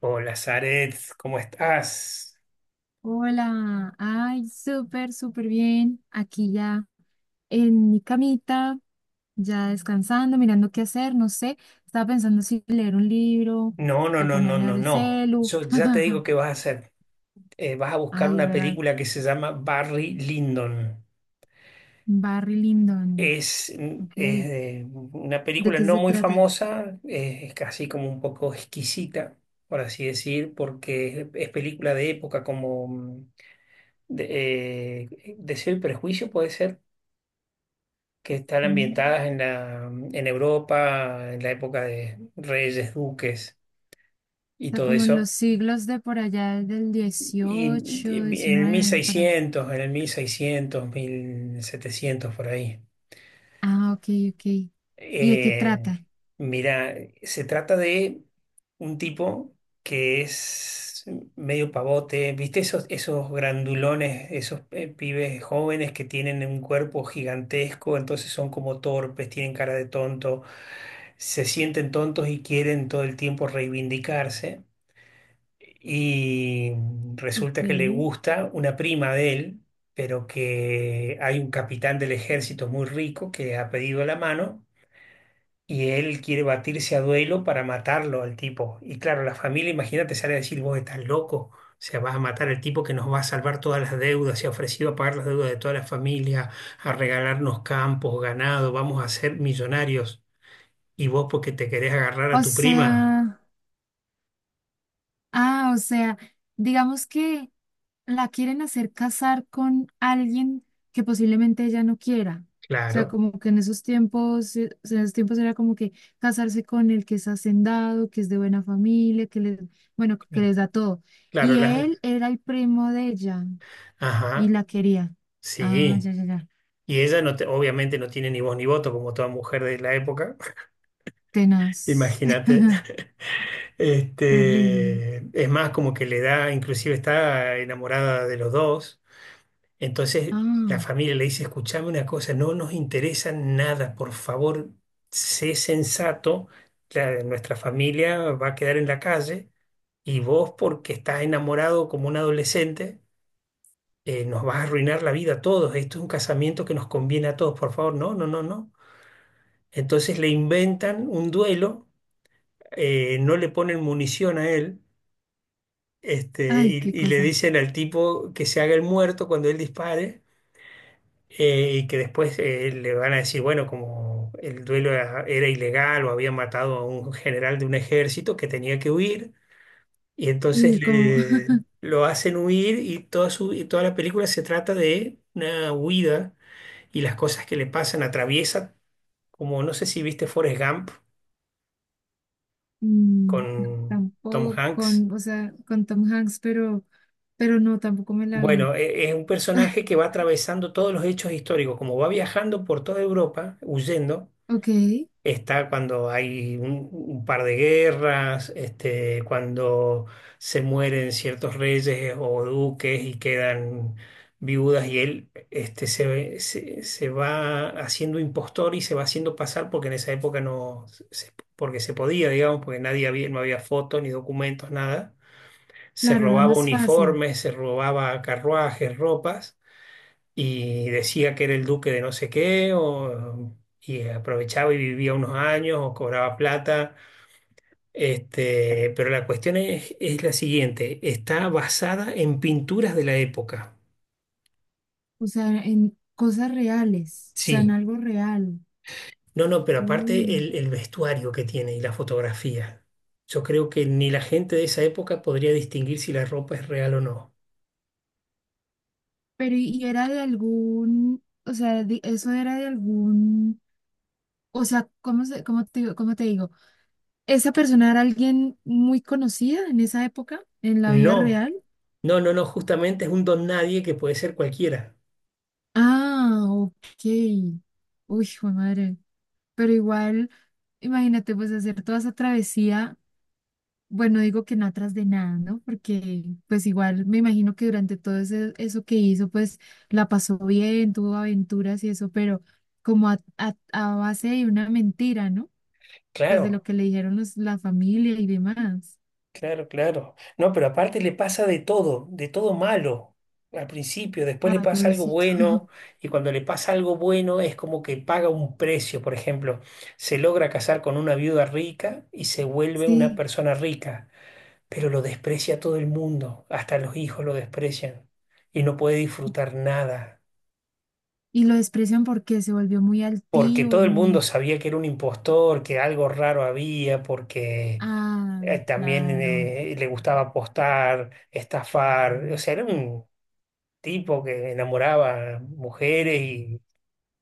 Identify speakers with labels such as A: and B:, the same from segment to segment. A: Hola, Zaret, ¿cómo estás?
B: Hola, ay, súper, súper bien. Aquí ya en mi camita, ya descansando, mirando qué hacer, no sé. Estaba pensando si leer un libro
A: No, no,
B: o
A: no, no,
B: ponerme a
A: no,
B: ver el
A: no.
B: celu.
A: Yo ya te digo qué vas a hacer. Vas a buscar
B: Ay, a
A: una
B: ver, a ver.
A: película que se llama Barry Lyndon.
B: Barry Lyndon.
A: Es,
B: Ok.
A: es de una
B: ¿De
A: película
B: qué
A: no
B: se
A: muy
B: trata?
A: famosa, es casi como un poco exquisita, por así decir, porque es película de época, como de, Deseo y Prejuicio puede ser, que están
B: Mm.
A: ambientadas en en Europa, en la época de reyes, duques
B: O
A: y
B: sea,
A: todo
B: como en los
A: eso.
B: siglos de por allá del 18, 19 para.
A: En el 1600, 1700 por ahí.
B: Ah, ok, ok. ¿Y de qué
A: Eh,
B: trata?
A: mira, se trata de un tipo que es medio pavote, ¿viste? Esos grandulones, esos pibes jóvenes que tienen un cuerpo gigantesco, entonces son como torpes, tienen cara de tonto, se sienten tontos y quieren todo el tiempo reivindicarse. Y resulta
B: Ok.
A: que le gusta una prima de él, pero que hay un capitán del ejército muy rico que ha pedido la mano y él quiere batirse a duelo para matarlo al tipo. Y claro, la familia, imagínate, sale a decir, vos estás loco, o sea, vas a matar al tipo que nos va a salvar todas las deudas, se ha ofrecido a pagar las deudas de toda la familia, a regalarnos campos, ganado, vamos a ser millonarios. Y vos porque te querés agarrar a
B: O
A: tu prima,
B: sea. Ah, o sea, digamos que la quieren hacer casar con alguien que posiblemente ella no quiera. O sea,
A: claro.
B: como que en esos tiempos, o sea, en esos tiempos era como que casarse con el que es hacendado, que es de buena familia, que les, bueno, que les da todo.
A: Claro,
B: Y él
A: las...
B: era el primo de ella y
A: Ajá.
B: la quería. Ah,
A: Sí,
B: ya, ya, ya.
A: y ella obviamente no tiene ni voz ni voto como toda mujer de la época,
B: Tenaz.
A: imagínate.
B: Terrible.
A: Este, es más como que le da, inclusive está enamorada de los dos, entonces la
B: Ah,
A: familia le dice, escuchame una cosa, no nos interesa nada, por favor, sé sensato, nuestra familia va a quedar en la calle y vos porque estás enamorado como un adolescente. Nos vas a arruinar la vida a todos, esto es un casamiento que nos conviene a todos, por favor, no, no, no, no. Entonces le inventan un duelo, no le ponen munición a él,
B: ay,
A: y,
B: qué
A: y le
B: cosas.
A: dicen al tipo que se haga el muerto cuando él dispare, y que después le van a decir, bueno, como el duelo era ilegal o había matado a un general de un ejército que tenía que huir, y entonces
B: Y como
A: le... Lo hacen huir y y toda la película se trata de una huida y las cosas que le pasan atraviesa, como no sé si viste Forrest Gump
B: Mm,
A: con Tom
B: tampoco
A: Hanks.
B: con, o sea, con Tom Hanks, pero no, tampoco me la vi.
A: Bueno, es un personaje que va atravesando todos los hechos históricos, como va viajando por toda Europa, huyendo.
B: Ok,
A: Está cuando hay un par de guerras, cuando se mueren ciertos reyes o duques y quedan viudas y él se va haciendo impostor y se va haciendo pasar porque en esa época no, porque se podía, digamos, porque nadie había, no había fotos ni documentos, nada. Se
B: claro, era
A: robaba
B: más fácil.
A: uniformes, se robaba carruajes, ropas y decía que era el duque de no sé qué, o, y aprovechaba y vivía unos años o cobraba plata. Este, pero la cuestión es la siguiente, está basada en pinturas de la época.
B: O sea, en cosas reales, o sea, en
A: Sí,
B: algo real.
A: no, no, pero aparte
B: Uy,
A: el vestuario que tiene y la fotografía. Yo creo que ni la gente de esa época podría distinguir si la ropa es real o no.
B: pero y era de algún, o sea, eso era de algún, o sea, ¿cómo se, cómo te, cómo te digo? ¿Esa persona era alguien muy conocida en esa época, en la vida
A: No,
B: real?
A: no, no, no, justamente es un don nadie que puede ser cualquiera.
B: Ah, ok. Uy, hijo de madre. Pero igual, imagínate, pues hacer toda esa travesía, bueno, digo que no atrás de nada, ¿no? Porque pues igual me imagino que durante todo eso que hizo, pues la pasó bien, tuvo aventuras y eso, pero como a base de una mentira, ¿no? Pues de lo
A: Claro.
B: que le dijeron la familia y demás.
A: Claro, claro. No, pero aparte le pasa de todo malo al principio, después le
B: Ay,
A: pasa algo
B: pobrecito.
A: bueno y cuando le pasa algo bueno es como que paga un precio, por ejemplo, se logra casar con una viuda rica y se vuelve una
B: Sí.
A: persona rica, pero lo desprecia todo el mundo, hasta los hijos lo desprecian y no puede disfrutar nada.
B: Y lo desprecian porque se volvió muy
A: Porque
B: altivo,
A: todo el mundo
B: muy...
A: sabía que era un impostor, que algo raro había, porque
B: Ay,
A: también
B: claro.
A: le gustaba apostar, estafar, o sea, era un tipo que enamoraba mujeres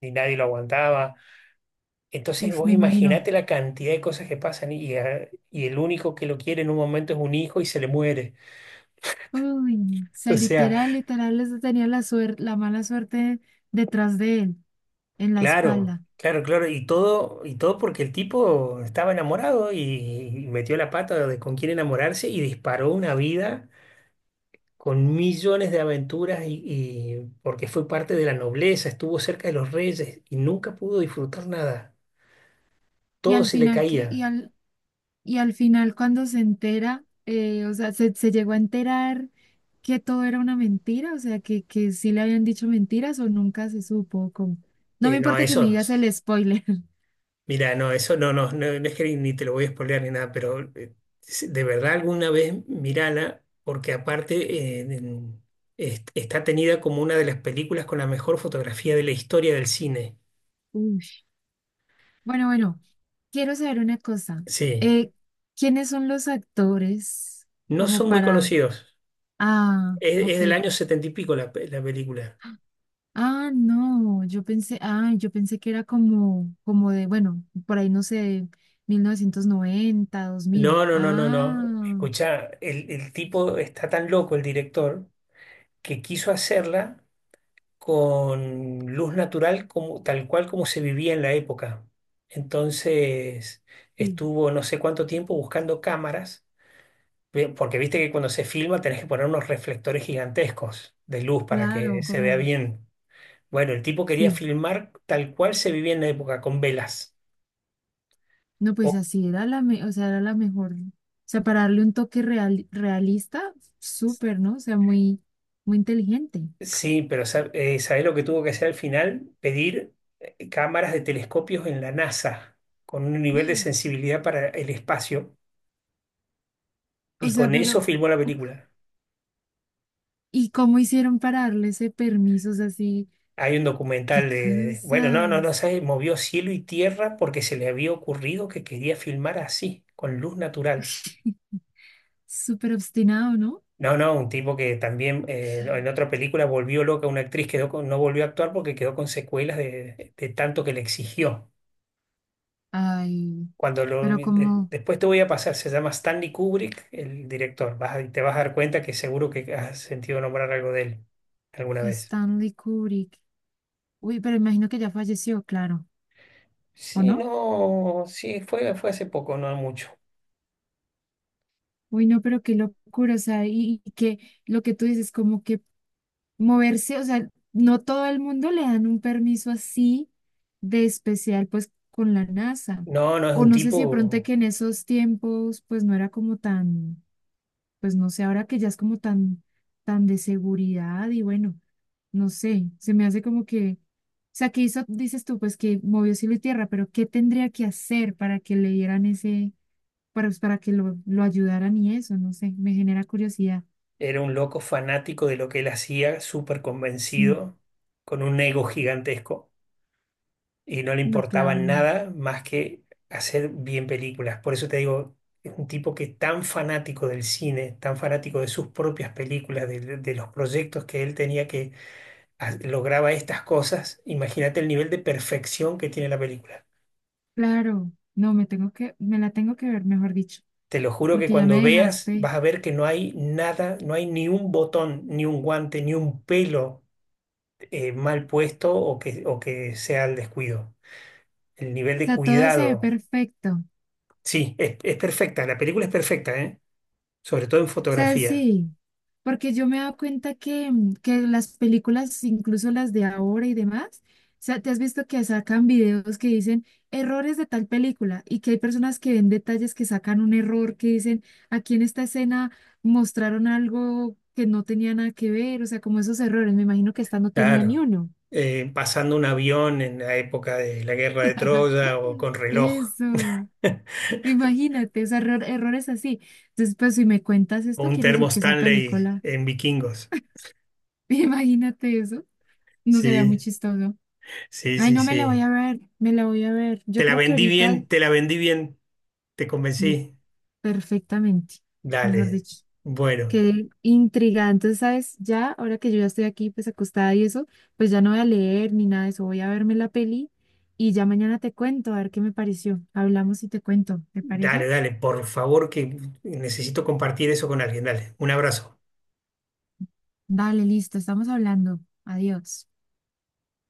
A: y nadie lo aguantaba. Entonces
B: Uf,
A: vos
B: me imagino.
A: imaginate la cantidad de cosas que pasan y el único que lo quiere en un momento es un hijo y se le muere.
B: Uy, o sea,
A: O sea,
B: literal, literal, les tenía la suerte, la mala suerte detrás de él, en la
A: claro,
B: espalda.
A: claro, claro. Y todo porque el tipo estaba enamorado y metió la pata de con quién enamorarse y disparó una vida con millones de aventuras y porque fue parte de la nobleza, estuvo cerca de los reyes y nunca pudo disfrutar nada.
B: Y
A: Todo
B: al
A: se le
B: final,
A: caía.
B: y al final cuando se entera, o sea, se llegó a enterar que todo era una mentira, o sea, que sí le habían dicho mentiras o nunca se supo cómo. No me
A: No,
B: importa que me
A: eso.
B: digas el spoiler.
A: Mira, no, eso no, no, no, no es que ni te lo voy a spoilear ni nada, pero de verdad alguna vez mírala, porque aparte eh, en- está tenida como una de las películas con la mejor fotografía de la historia del cine.
B: Uy. Bueno, bueno, quiero saber una cosa.
A: Sí,
B: Eh, ¿Quiénes son los actores
A: no
B: como
A: son muy
B: para...
A: conocidos.
B: Ah,
A: Es
B: ok.
A: del año setenta y pico la película.
B: Ah, no, yo pensé que era como, de, bueno, por ahí no sé, 1990, 2000.
A: No, no, no, no, no.
B: Ah,
A: Escuchá, el tipo está tan loco, el director, que quiso hacerla con luz natural como, tal cual como se vivía en la época. Entonces
B: sí.
A: estuvo no sé cuánto tiempo buscando cámaras, porque viste que cuando se filma tenés que poner unos reflectores gigantescos de luz para que
B: Claro,
A: se vea
B: como,
A: bien. Bueno, el tipo quería
B: sí.
A: filmar tal cual se vivía en la época, con velas.
B: No,
A: O-
B: pues así era o sea, era la mejor. O sea, para darle un toque real, realista, súper, ¿no? O sea, muy, muy inteligente.
A: sí, pero ¿sabés lo que tuvo que hacer al final? Pedir cámaras de telescopios en la NASA, con un nivel de sensibilidad para el espacio,
B: O
A: y
B: sea,
A: con eso
B: pero,
A: filmó la
B: uf,
A: película.
B: ¿y cómo hicieron para darle ese permiso? O sea, así,
A: Hay un
B: qué
A: documental de, bueno, no, no, no
B: cosas.
A: sé, movió cielo y tierra porque se le había ocurrido que quería filmar así, con luz natural.
B: Súper obstinado, ¿no?
A: No, no, un tipo que también no, en otra película volvió loca a una actriz, quedó no volvió a actuar porque quedó con secuelas de tanto que le exigió.
B: Ay,
A: Cuando lo,
B: pero como
A: después te voy a pasar, se llama Stanley Kubrick, el director. Te vas a dar cuenta que seguro que has sentido nombrar algo de él alguna vez.
B: Stanley Kubrick. Uy, pero imagino que ya falleció, claro, ¿o
A: Sí,
B: no?
A: no, sí, fue hace poco, no mucho.
B: Uy, no, pero qué locura, o sea, y que lo que tú dices, como que moverse, o sea, no todo el mundo le dan un permiso así de especial, pues, con la NASA.
A: No, no, es
B: O
A: un
B: no sé si de pronto
A: tipo.
B: que en esos tiempos, pues, no era como tan... Pues no sé, ahora que ya es como tan, tan de seguridad y bueno, no sé, se me hace como que, o sea, que hizo, dices tú, pues que movió cielo y tierra, pero ¿qué tendría que hacer para que le dieran ese, para que lo ayudaran y eso? No sé, me genera curiosidad.
A: Era un loco fanático de lo que él hacía, súper
B: Sí,
A: convencido, con un ego gigantesco y no le
B: no,
A: importaba
B: claro, no.
A: nada más que hacer bien películas. Por eso te digo, es un tipo que tan fanático del cine, tan fanático de sus propias películas, de los proyectos que él tenía que lograba estas cosas. Imagínate el nivel de perfección que tiene la película.
B: Claro, no, me la tengo que ver, mejor dicho,
A: Te lo juro que
B: porque ya me
A: cuando veas
B: dejaste,
A: vas a ver que no hay nada, no hay ni un botón, ni un guante, ni un pelo mal puesto o o que sea el descuido. El nivel
B: o
A: de
B: sea, todo se ve
A: cuidado,
B: perfecto,
A: sí, es perfecta, la película es perfecta, ¿eh? Sobre todo en
B: sea,
A: fotografía,
B: sí, porque yo me he dado cuenta que, que las películas, incluso las de ahora y demás, o sea, te has visto que sacan videos que dicen errores de tal película y que hay personas que ven detalles que sacan un error, que dicen aquí en esta escena mostraron algo que no tenía nada que ver, o sea, como esos errores, me imagino que esta no tenía ni
A: claro.
B: uno.
A: Pasando un avión en la época de la guerra de Troya o con reloj
B: Eso, imagínate, o sea, errores así. Entonces, pues si me cuentas
A: o
B: esto,
A: un
B: quiere
A: termo
B: decir que esa
A: Stanley
B: película,
A: en Vikingos.
B: imagínate. No sería muy
A: Sí,
B: chistoso.
A: sí,
B: Ay,
A: sí,
B: no me la voy
A: sí.
B: a ver, me la voy a ver.
A: Te
B: Yo
A: la
B: creo que
A: vendí
B: ahorita,
A: bien, te la vendí bien, te
B: no,
A: convencí.
B: perfectamente, mejor
A: Dale.
B: dicho.
A: Bueno.
B: Quedé intrigada. Entonces, ¿sabes? Ya, ahora que yo ya estoy aquí, pues acostada y eso, pues ya no voy a leer ni nada de eso. Voy a verme la peli y ya mañana te cuento, a ver qué me pareció. Hablamos y te cuento, ¿te
A: Dale,
B: parece?
A: dale, por favor, que necesito compartir eso con alguien. Dale, un abrazo.
B: Dale, listo, estamos hablando. Adiós.